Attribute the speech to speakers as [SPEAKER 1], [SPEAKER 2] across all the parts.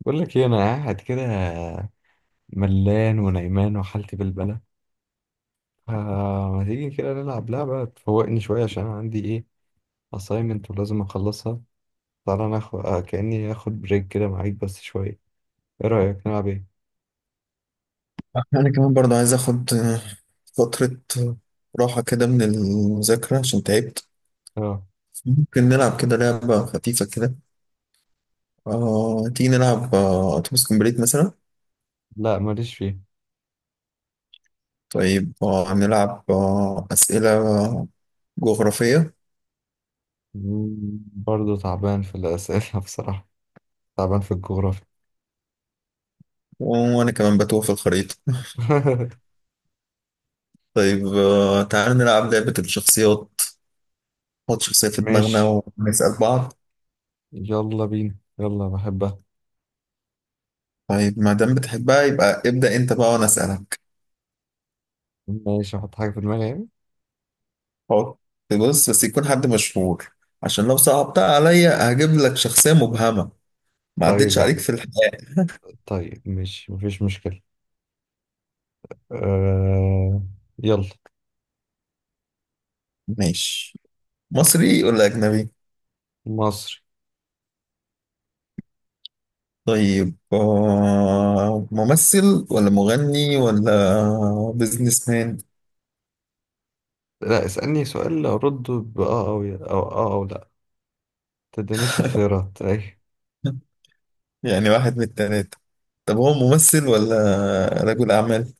[SPEAKER 1] بقول لك ايه، انا قاعد كده ملان ونايمان وحالتي بالبلة. فما تيجي كده نلعب لعبة تفوقني شوية؟ عشان أنا عندي ايه assignment ولازم اخلصها. تعالى ناخد كأني اخد بريك كده معاك بس شوية. ايه رأيك نلعب ايه؟
[SPEAKER 2] انا كمان برضه عايز اخد فترة راحة كده من المذاكرة عشان تعبت.
[SPEAKER 1] اه.
[SPEAKER 2] ممكن نلعب كده لعبة خفيفة كده. تيجي نلعب اتوبيس كومبليت مثلا.
[SPEAKER 1] لا ماليش فيه.
[SPEAKER 2] طيب، نلعب أسئلة جغرافية.
[SPEAKER 1] برضه تعبان في الأسئلة بصراحة. تعبان في الجغرافيا.
[SPEAKER 2] وانا كمان بتوه في الخريطة. طيب، تعال نلعب لعبة الشخصيات، نحط شخصية في
[SPEAKER 1] ماشي.
[SPEAKER 2] دماغنا ونسأل بعض.
[SPEAKER 1] يلا بينا، يلا بحبها.
[SPEAKER 2] طيب ما دام بتحبها يبقى ابدأ انت بقى وانا اسألك.
[SPEAKER 1] ماشي، احط حاجة في دماغي يعني.
[SPEAKER 2] حط. بص، بس يكون حد مشهور، عشان لو صعبتها عليا هجيب لك شخصية مبهمة ما
[SPEAKER 1] طيب
[SPEAKER 2] عدتش
[SPEAKER 1] يا
[SPEAKER 2] عليك
[SPEAKER 1] عم،
[SPEAKER 2] في الحياة.
[SPEAKER 1] طيب ماشي مفيش مشكلة. آه... يلا.
[SPEAKER 2] ماشي. مصري ولا أجنبي؟
[SPEAKER 1] مصري.
[SPEAKER 2] طيب، ممثل ولا مغني ولا بيزنس مان؟
[SPEAKER 1] لا، اسألني سؤال أرد بآه، أو أو آه أو لا. تدينيش اختيارات أي.
[SPEAKER 2] يعني واحد من التلاتة. طب هو ممثل ولا رجل أعمال؟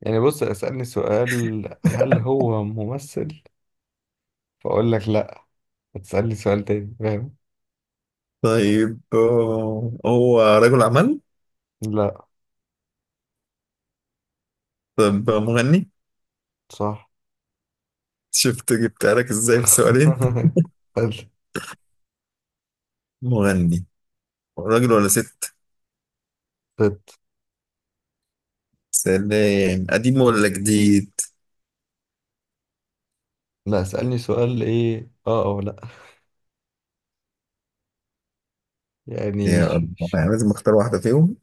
[SPEAKER 1] يعني بص، اسألني سؤال هل هو ممثل، فأقول لك لا. هتسألني سؤال تاني، فاهم؟
[SPEAKER 2] طيب، هو رجل أعمال؟
[SPEAKER 1] لا.
[SPEAKER 2] طب مغني؟
[SPEAKER 1] صح.
[SPEAKER 2] شفت جبتها لك ازاي في سؤالين؟
[SPEAKER 1] حلو.
[SPEAKER 2] مغني. راجل ولا ست؟
[SPEAKER 1] ست.
[SPEAKER 2] سلام. قديم ولا جديد؟
[SPEAKER 1] لا، اسألني سؤال إيه، آه أو لا. يعني
[SPEAKER 2] يا
[SPEAKER 1] ش...
[SPEAKER 2] الله،
[SPEAKER 1] ش...
[SPEAKER 2] يعني لازم اختار واحدة فيهم.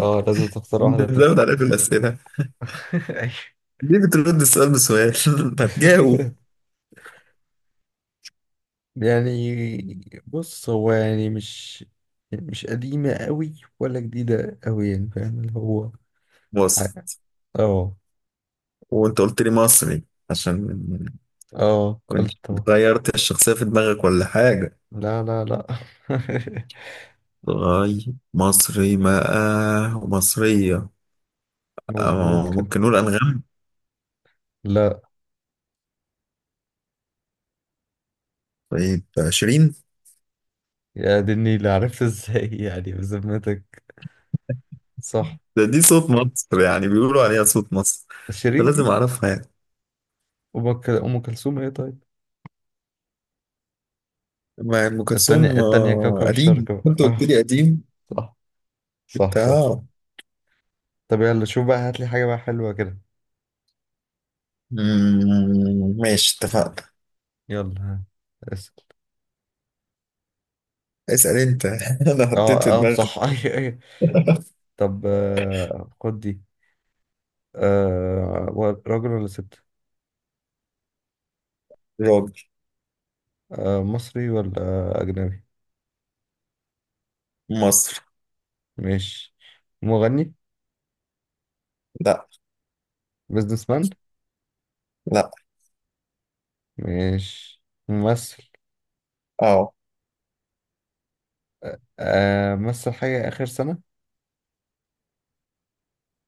[SPEAKER 1] آه، لازم تختار واحدة فيهم.
[SPEAKER 2] بتزود عليا في الأسئلة.
[SPEAKER 1] أيوة.
[SPEAKER 2] ليه بترد السؤال بسؤال؟ ما تجاوب.
[SPEAKER 1] يعني بص، هو يعني مش قديمة قوي ولا جديدة قوي، يعني فاهم اللي هو.
[SPEAKER 2] مصر.
[SPEAKER 1] ع- اه.
[SPEAKER 2] وانت قلت لي مصري، عشان
[SPEAKER 1] اه
[SPEAKER 2] كنت
[SPEAKER 1] قلت أهو.
[SPEAKER 2] غيرت الشخصية في دماغك ولا حاجة؟
[SPEAKER 1] لا.
[SPEAKER 2] غاي. مصري بقى ومصرية.
[SPEAKER 1] مظبوط
[SPEAKER 2] أو
[SPEAKER 1] كده.
[SPEAKER 2] ممكن نقول أنغام.
[SPEAKER 1] لا.
[SPEAKER 2] طيب، شيرين.
[SPEAKER 1] يا دي اللي عرفت ازاي يعني بذمتك؟ صح.
[SPEAKER 2] ده دي صوت مصر، يعني بيقولوا عليها صوت مصر
[SPEAKER 1] شيرين دي.
[SPEAKER 2] فلازم أعرفها يعني.
[SPEAKER 1] أم كلثوم ايه طيب؟
[SPEAKER 2] ما أم
[SPEAKER 1] التانية،
[SPEAKER 2] كلثوم
[SPEAKER 1] التانية كوكب
[SPEAKER 2] قديم،
[SPEAKER 1] الشرق بقى.
[SPEAKER 2] كنت قلت لي قديم.
[SPEAKER 1] آه،
[SPEAKER 2] انت
[SPEAKER 1] صح. صح.
[SPEAKER 2] اه.
[SPEAKER 1] طب يلا شوف بقى، هات لي حاجة بقى حلوة كده.
[SPEAKER 2] ماشي، اتفقنا.
[SPEAKER 1] يلا، ها، اسأل.
[SPEAKER 2] اسأل انت. انا
[SPEAKER 1] اه
[SPEAKER 2] حطيت في
[SPEAKER 1] اه
[SPEAKER 2] دماغي.
[SPEAKER 1] صح. ايوه. طب آه، خد دي. آه، راجل ولا ست؟
[SPEAKER 2] راجل.
[SPEAKER 1] آه، مصري ولا أجنبي؟
[SPEAKER 2] مصر.
[SPEAKER 1] ماشي. مغني؟
[SPEAKER 2] لا.
[SPEAKER 1] بيزنس مان؟
[SPEAKER 2] لا.
[SPEAKER 1] ماشي، ممثل.
[SPEAKER 2] اه.
[SPEAKER 1] آه، مثل حاجة آخر سنة؟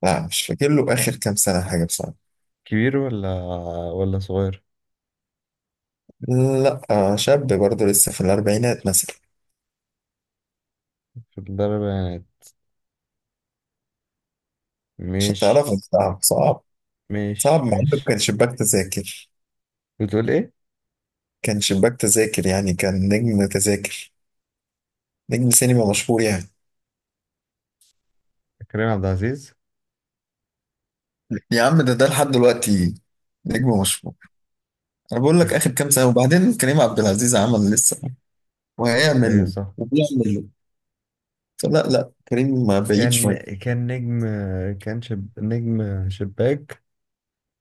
[SPEAKER 2] لا، مش فاكر له اخر كام سنة حاجة بصراحة.
[SPEAKER 1] كبير ولا صغير؟
[SPEAKER 2] لا شاب برضه لسه في الاربعينات مثلا.
[SPEAKER 1] في الأربعينات.
[SPEAKER 2] مش هتعرف
[SPEAKER 1] ماشي
[SPEAKER 2] صعب صعب. صعب
[SPEAKER 1] ماشي
[SPEAKER 2] مع انه كان
[SPEAKER 1] ماشي.
[SPEAKER 2] شباك تذاكر.
[SPEAKER 1] بتقول إيه؟
[SPEAKER 2] كان شباك تذاكر، يعني كان نجم تذاكر، نجم سينما مشهور يعني.
[SPEAKER 1] كريم عبد العزيز.
[SPEAKER 2] يا عم، ده لحد دلوقتي نجم مشهور. انا بقول
[SPEAKER 1] يا
[SPEAKER 2] لك
[SPEAKER 1] خ-
[SPEAKER 2] اخر كام سنة، وبعدين كريم عبد العزيز عمل لسه
[SPEAKER 1] أيوة
[SPEAKER 2] وهيعمل
[SPEAKER 1] صح.
[SPEAKER 2] وبيعمل. لا لا، كريم ما بعيد
[SPEAKER 1] كان
[SPEAKER 2] شوية.
[SPEAKER 1] كان نجم. نجم شباك.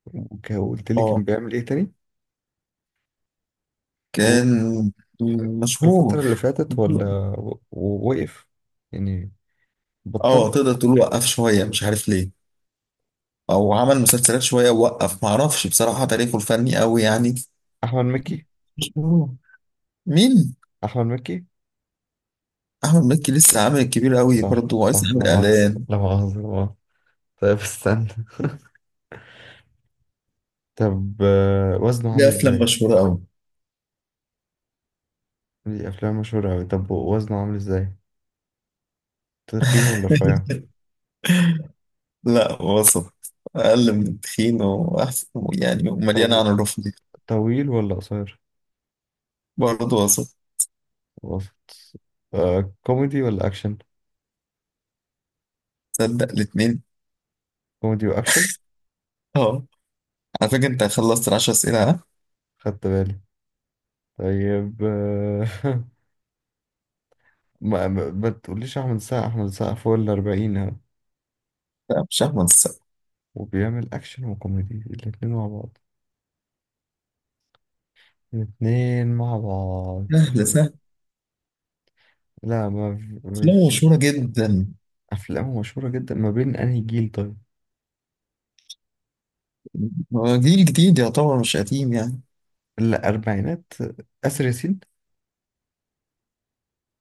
[SPEAKER 1] وقلت لي كان
[SPEAKER 2] اه
[SPEAKER 1] بيعمل إيه تاني؟
[SPEAKER 2] كان
[SPEAKER 1] الفترة
[SPEAKER 2] مشهور.
[SPEAKER 1] اللي فاتت، ولا ووقف يعني، بطل؟
[SPEAKER 2] اه تقدر تقول وقف شوية مش عارف ليه، او عمل مسلسلات شوية ووقف. معرفش بصراحة تاريخه الفني قوي، يعني مش
[SPEAKER 1] أحمد مكي.
[SPEAKER 2] مشهور. مين؟
[SPEAKER 1] أحمد مكي.
[SPEAKER 2] احمد مكي لسه عامل الكبير قوي،
[SPEAKER 1] صح
[SPEAKER 2] برضه
[SPEAKER 1] صح،
[SPEAKER 2] لسه
[SPEAKER 1] لا
[SPEAKER 2] عامل
[SPEAKER 1] مؤاخذة
[SPEAKER 2] اعلان.
[SPEAKER 1] لا مؤاخذة لا مؤاخذة. طيب استنى. طب آه، وزنه
[SPEAKER 2] ليه
[SPEAKER 1] عامل
[SPEAKER 2] افلام
[SPEAKER 1] ازاي؟
[SPEAKER 2] مشهورة قوي.
[SPEAKER 1] دي أفلام مشهورة أوي. طب وزنه عامل ازاي؟ تخين ولا رفيع؟
[SPEAKER 2] لا وسط، اقل من التخين واحسن، يعني مليانة
[SPEAKER 1] طو...
[SPEAKER 2] عن الرفض.
[SPEAKER 1] طويل ولا قصير؟
[SPEAKER 2] برضه وسط.
[SPEAKER 1] وسط. آه، كوميدي ولا أكشن؟
[SPEAKER 2] تصدق الاتنين.
[SPEAKER 1] كوميدي وأكشن؟
[SPEAKER 2] اه. على فكرة انت خلصت ال10 اسئلة، ها؟
[SPEAKER 1] خدت بالي. طيب آه، ما تقوليش أحمد السقا. أحمد السقا فوق الأربعين
[SPEAKER 2] لا مش احمد السقا.
[SPEAKER 1] وبيعمل أكشن وكوميدي الاتنين مع بعض، الاتنين مع بعض.
[SPEAKER 2] سهل سهل.
[SPEAKER 1] لا ما في-
[SPEAKER 2] لا
[SPEAKER 1] مش.
[SPEAKER 2] مشهورة جدا.
[SPEAKER 1] أفلامه مشهورة جدا. ما بين أنهي جيل طيب؟
[SPEAKER 2] هو جيل جديد يعتبر، مش قديم يعني.
[SPEAKER 1] الأربعينات. آسر ياسين.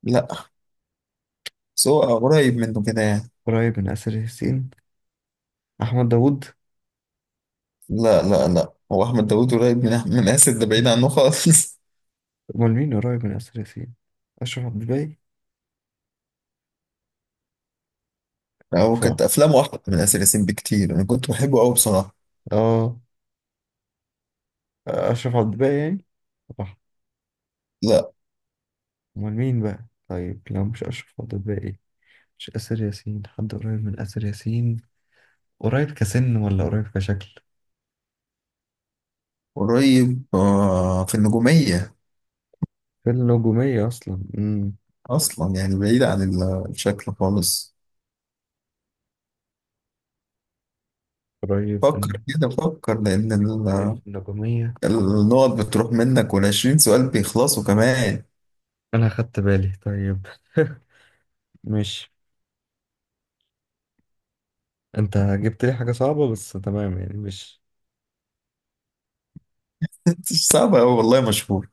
[SPEAKER 2] لا، بس هو قريب منه كده يعني.
[SPEAKER 1] قريب من آسر ياسين. أحمد داوود.
[SPEAKER 2] لا لا لا، هو أحمد داوود قريب من آسر، ده بعيد عنه خالص.
[SPEAKER 1] أمال مين قريب من آسر ياسين؟ أشرف عبد الباقي.
[SPEAKER 2] هو
[SPEAKER 1] صح.
[SPEAKER 2] كانت أفلامه أحلى من آسر ياسين بكتير، أنا كنت بحبه أوي بصراحة.
[SPEAKER 1] آه، أشرف عبد الباقي يعني. صح.
[SPEAKER 2] لا.
[SPEAKER 1] أمال مين بقى طيب لو مش أشرف عبد الباقي؟ مش آسر ياسين، حد قريب من آسر ياسين. قريب كسن ولا قريب كشكل؟
[SPEAKER 2] قريب في النجومية
[SPEAKER 1] في النجومية أصلا.
[SPEAKER 2] أصلا، يعني بعيد عن الشكل خالص.
[SPEAKER 1] قريب
[SPEAKER 2] فكر كده فكر، لأن
[SPEAKER 1] قريب في النجومية.
[SPEAKER 2] النقط بتروح منك وال20 سؤال بيخلصوا كمان.
[SPEAKER 1] أنا خدت بالي طيب. مش، أنت جبت لي حاجة صعبة بس تمام، يعني مش.
[SPEAKER 2] صعب أوي والله، مشهور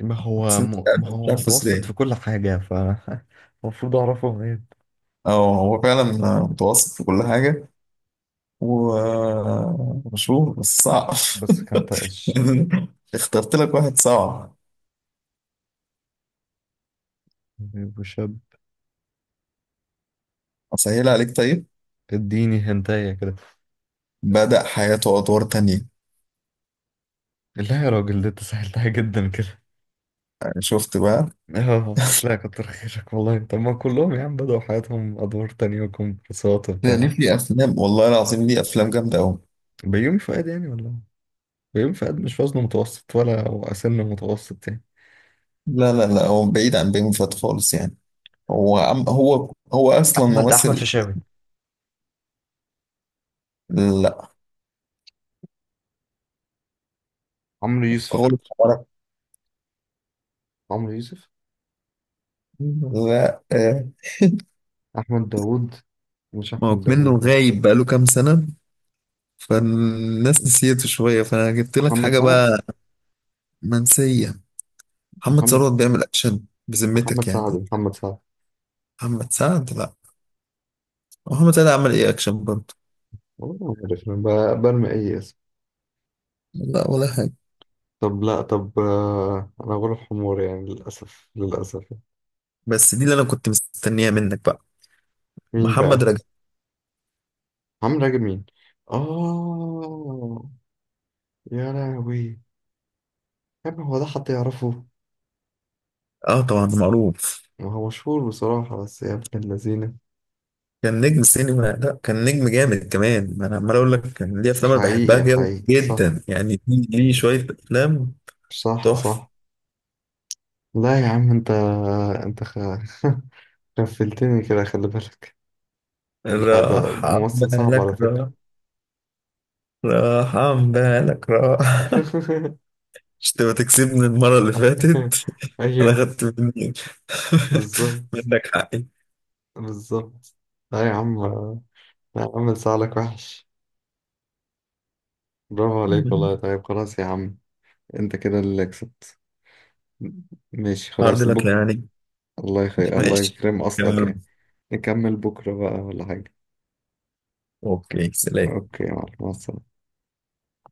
[SPEAKER 1] ما
[SPEAKER 2] بس
[SPEAKER 1] هو
[SPEAKER 2] أنت مش
[SPEAKER 1] ما
[SPEAKER 2] عارف، مش
[SPEAKER 1] هو
[SPEAKER 2] عارف
[SPEAKER 1] متوسط
[SPEAKER 2] ازاي.
[SPEAKER 1] في كل حاجة ف المفروض أعرفه غير.
[SPEAKER 2] اه هو فعلا متوسط في كل حاجة ومشهور، بس صعب.
[SPEAKER 1] بس كان تقش.
[SPEAKER 2] اخترت لك واحد صعب.
[SPEAKER 1] طيب وشاب.
[SPEAKER 2] أسهل عليك طيب،
[SPEAKER 1] اديني هنتاية كده.
[SPEAKER 2] بدأ حياته أدوار تانية.
[SPEAKER 1] لا يا راجل، ده أنت سهلتها جدا كده.
[SPEAKER 2] يعني شفت بقى،
[SPEAKER 1] اه لا، كتر خيرك والله. طب ما كلهم يا عم بدأوا حياتهم أدوار تانية وكمبرسات
[SPEAKER 2] ده ليه
[SPEAKER 1] وبتاع.
[SPEAKER 2] في أفلام والله العظيم، ليه أفلام جامدة أوي.
[SPEAKER 1] بيومي فؤاد يعني، ولا بيوم فؤاد مش وزنه متوسط ولا هو سن متوسط يعني.
[SPEAKER 2] لا لا لا، هو بعيد عن بيومي فات خالص يعني، هو عم هو هو أصلا
[SPEAKER 1] احمد
[SPEAKER 2] ممثل.
[SPEAKER 1] فشاوي.
[SPEAKER 2] لا.
[SPEAKER 1] عمرو يوسف.
[SPEAKER 2] غلط حمارك.
[SPEAKER 1] عمرو يوسف.
[SPEAKER 2] لا
[SPEAKER 1] احمد داوود. مش
[SPEAKER 2] ما هو
[SPEAKER 1] احمد داوود،
[SPEAKER 2] منه
[SPEAKER 1] لا.
[SPEAKER 2] غايب بقاله كام سنة، فالناس نسيته شوية فأنا جبت لك
[SPEAKER 1] محمد
[SPEAKER 2] حاجة
[SPEAKER 1] سعد.
[SPEAKER 2] بقى منسية. محمد
[SPEAKER 1] محمد،
[SPEAKER 2] ثروت بيعمل أكشن بذمتك
[SPEAKER 1] محمد
[SPEAKER 2] يعني.
[SPEAKER 1] سعد محمد سعد.
[SPEAKER 2] محمد سعد لا. محمد سعد عمل إيه أكشن برضه.
[SPEAKER 1] والله ما عارف، أنا برمي اي اسم.
[SPEAKER 2] لا ولا حاجة.
[SPEAKER 1] طب لا، طب آه، انا غلب حمار يعني، للاسف للاسف.
[SPEAKER 2] بس دي اللي أنا كنت مستنيها منك بقى.
[SPEAKER 1] مين
[SPEAKER 2] محمد
[SPEAKER 1] بقى؟
[SPEAKER 2] رجب.
[SPEAKER 1] عمرو راجب؟ مين؟ اه. يا لهوي. يا ابني هو ده حد يعرفه؟
[SPEAKER 2] آه طبعا معروف.
[SPEAKER 1] ما هو مشهور بصراحة بس، يا ابن اللذينة.
[SPEAKER 2] كان نجم سينما، لا كان نجم جامد كمان، ما أنا عمال أقول لك كان ليه أفلام أنا بحبها
[SPEAKER 1] حقيقي
[SPEAKER 2] جدا
[SPEAKER 1] حقيقي صح.
[SPEAKER 2] جدا يعني، ليه ليه شوية أفلام
[SPEAKER 1] صح
[SPEAKER 2] تحفة.
[SPEAKER 1] صح. لا يا عم انت، انت خ... غفلتني كده، خلي بالك. ده
[SPEAKER 2] راح عن
[SPEAKER 1] ممثل صعب
[SPEAKER 2] بالك
[SPEAKER 1] على فكرة.
[SPEAKER 2] راح. راح عن بالك راح. مش تبقى تكسبني المرة اللي فاتت؟ انا
[SPEAKER 1] ايوه.
[SPEAKER 2] خدت مني،
[SPEAKER 1] بالظبط
[SPEAKER 2] منك حقي.
[SPEAKER 1] بالظبط. لا يا عم، لا يا عم، لسعلك وحش. برافو عليك والله. طيب خلاص يا عم، انت كده اللي كسبت. ماشي
[SPEAKER 2] هارد
[SPEAKER 1] خلاص
[SPEAKER 2] لك
[SPEAKER 1] بكرة.
[SPEAKER 2] يعني.
[SPEAKER 1] الله يخي، الله
[SPEAKER 2] ماشي.
[SPEAKER 1] يكرم اصلك
[SPEAKER 2] كمل.
[SPEAKER 1] يعني. نكمل بكرة بقى ولا حاجة.
[SPEAKER 2] اوكي، سلام.
[SPEAKER 1] اوكي يا معلم، مع السلامة.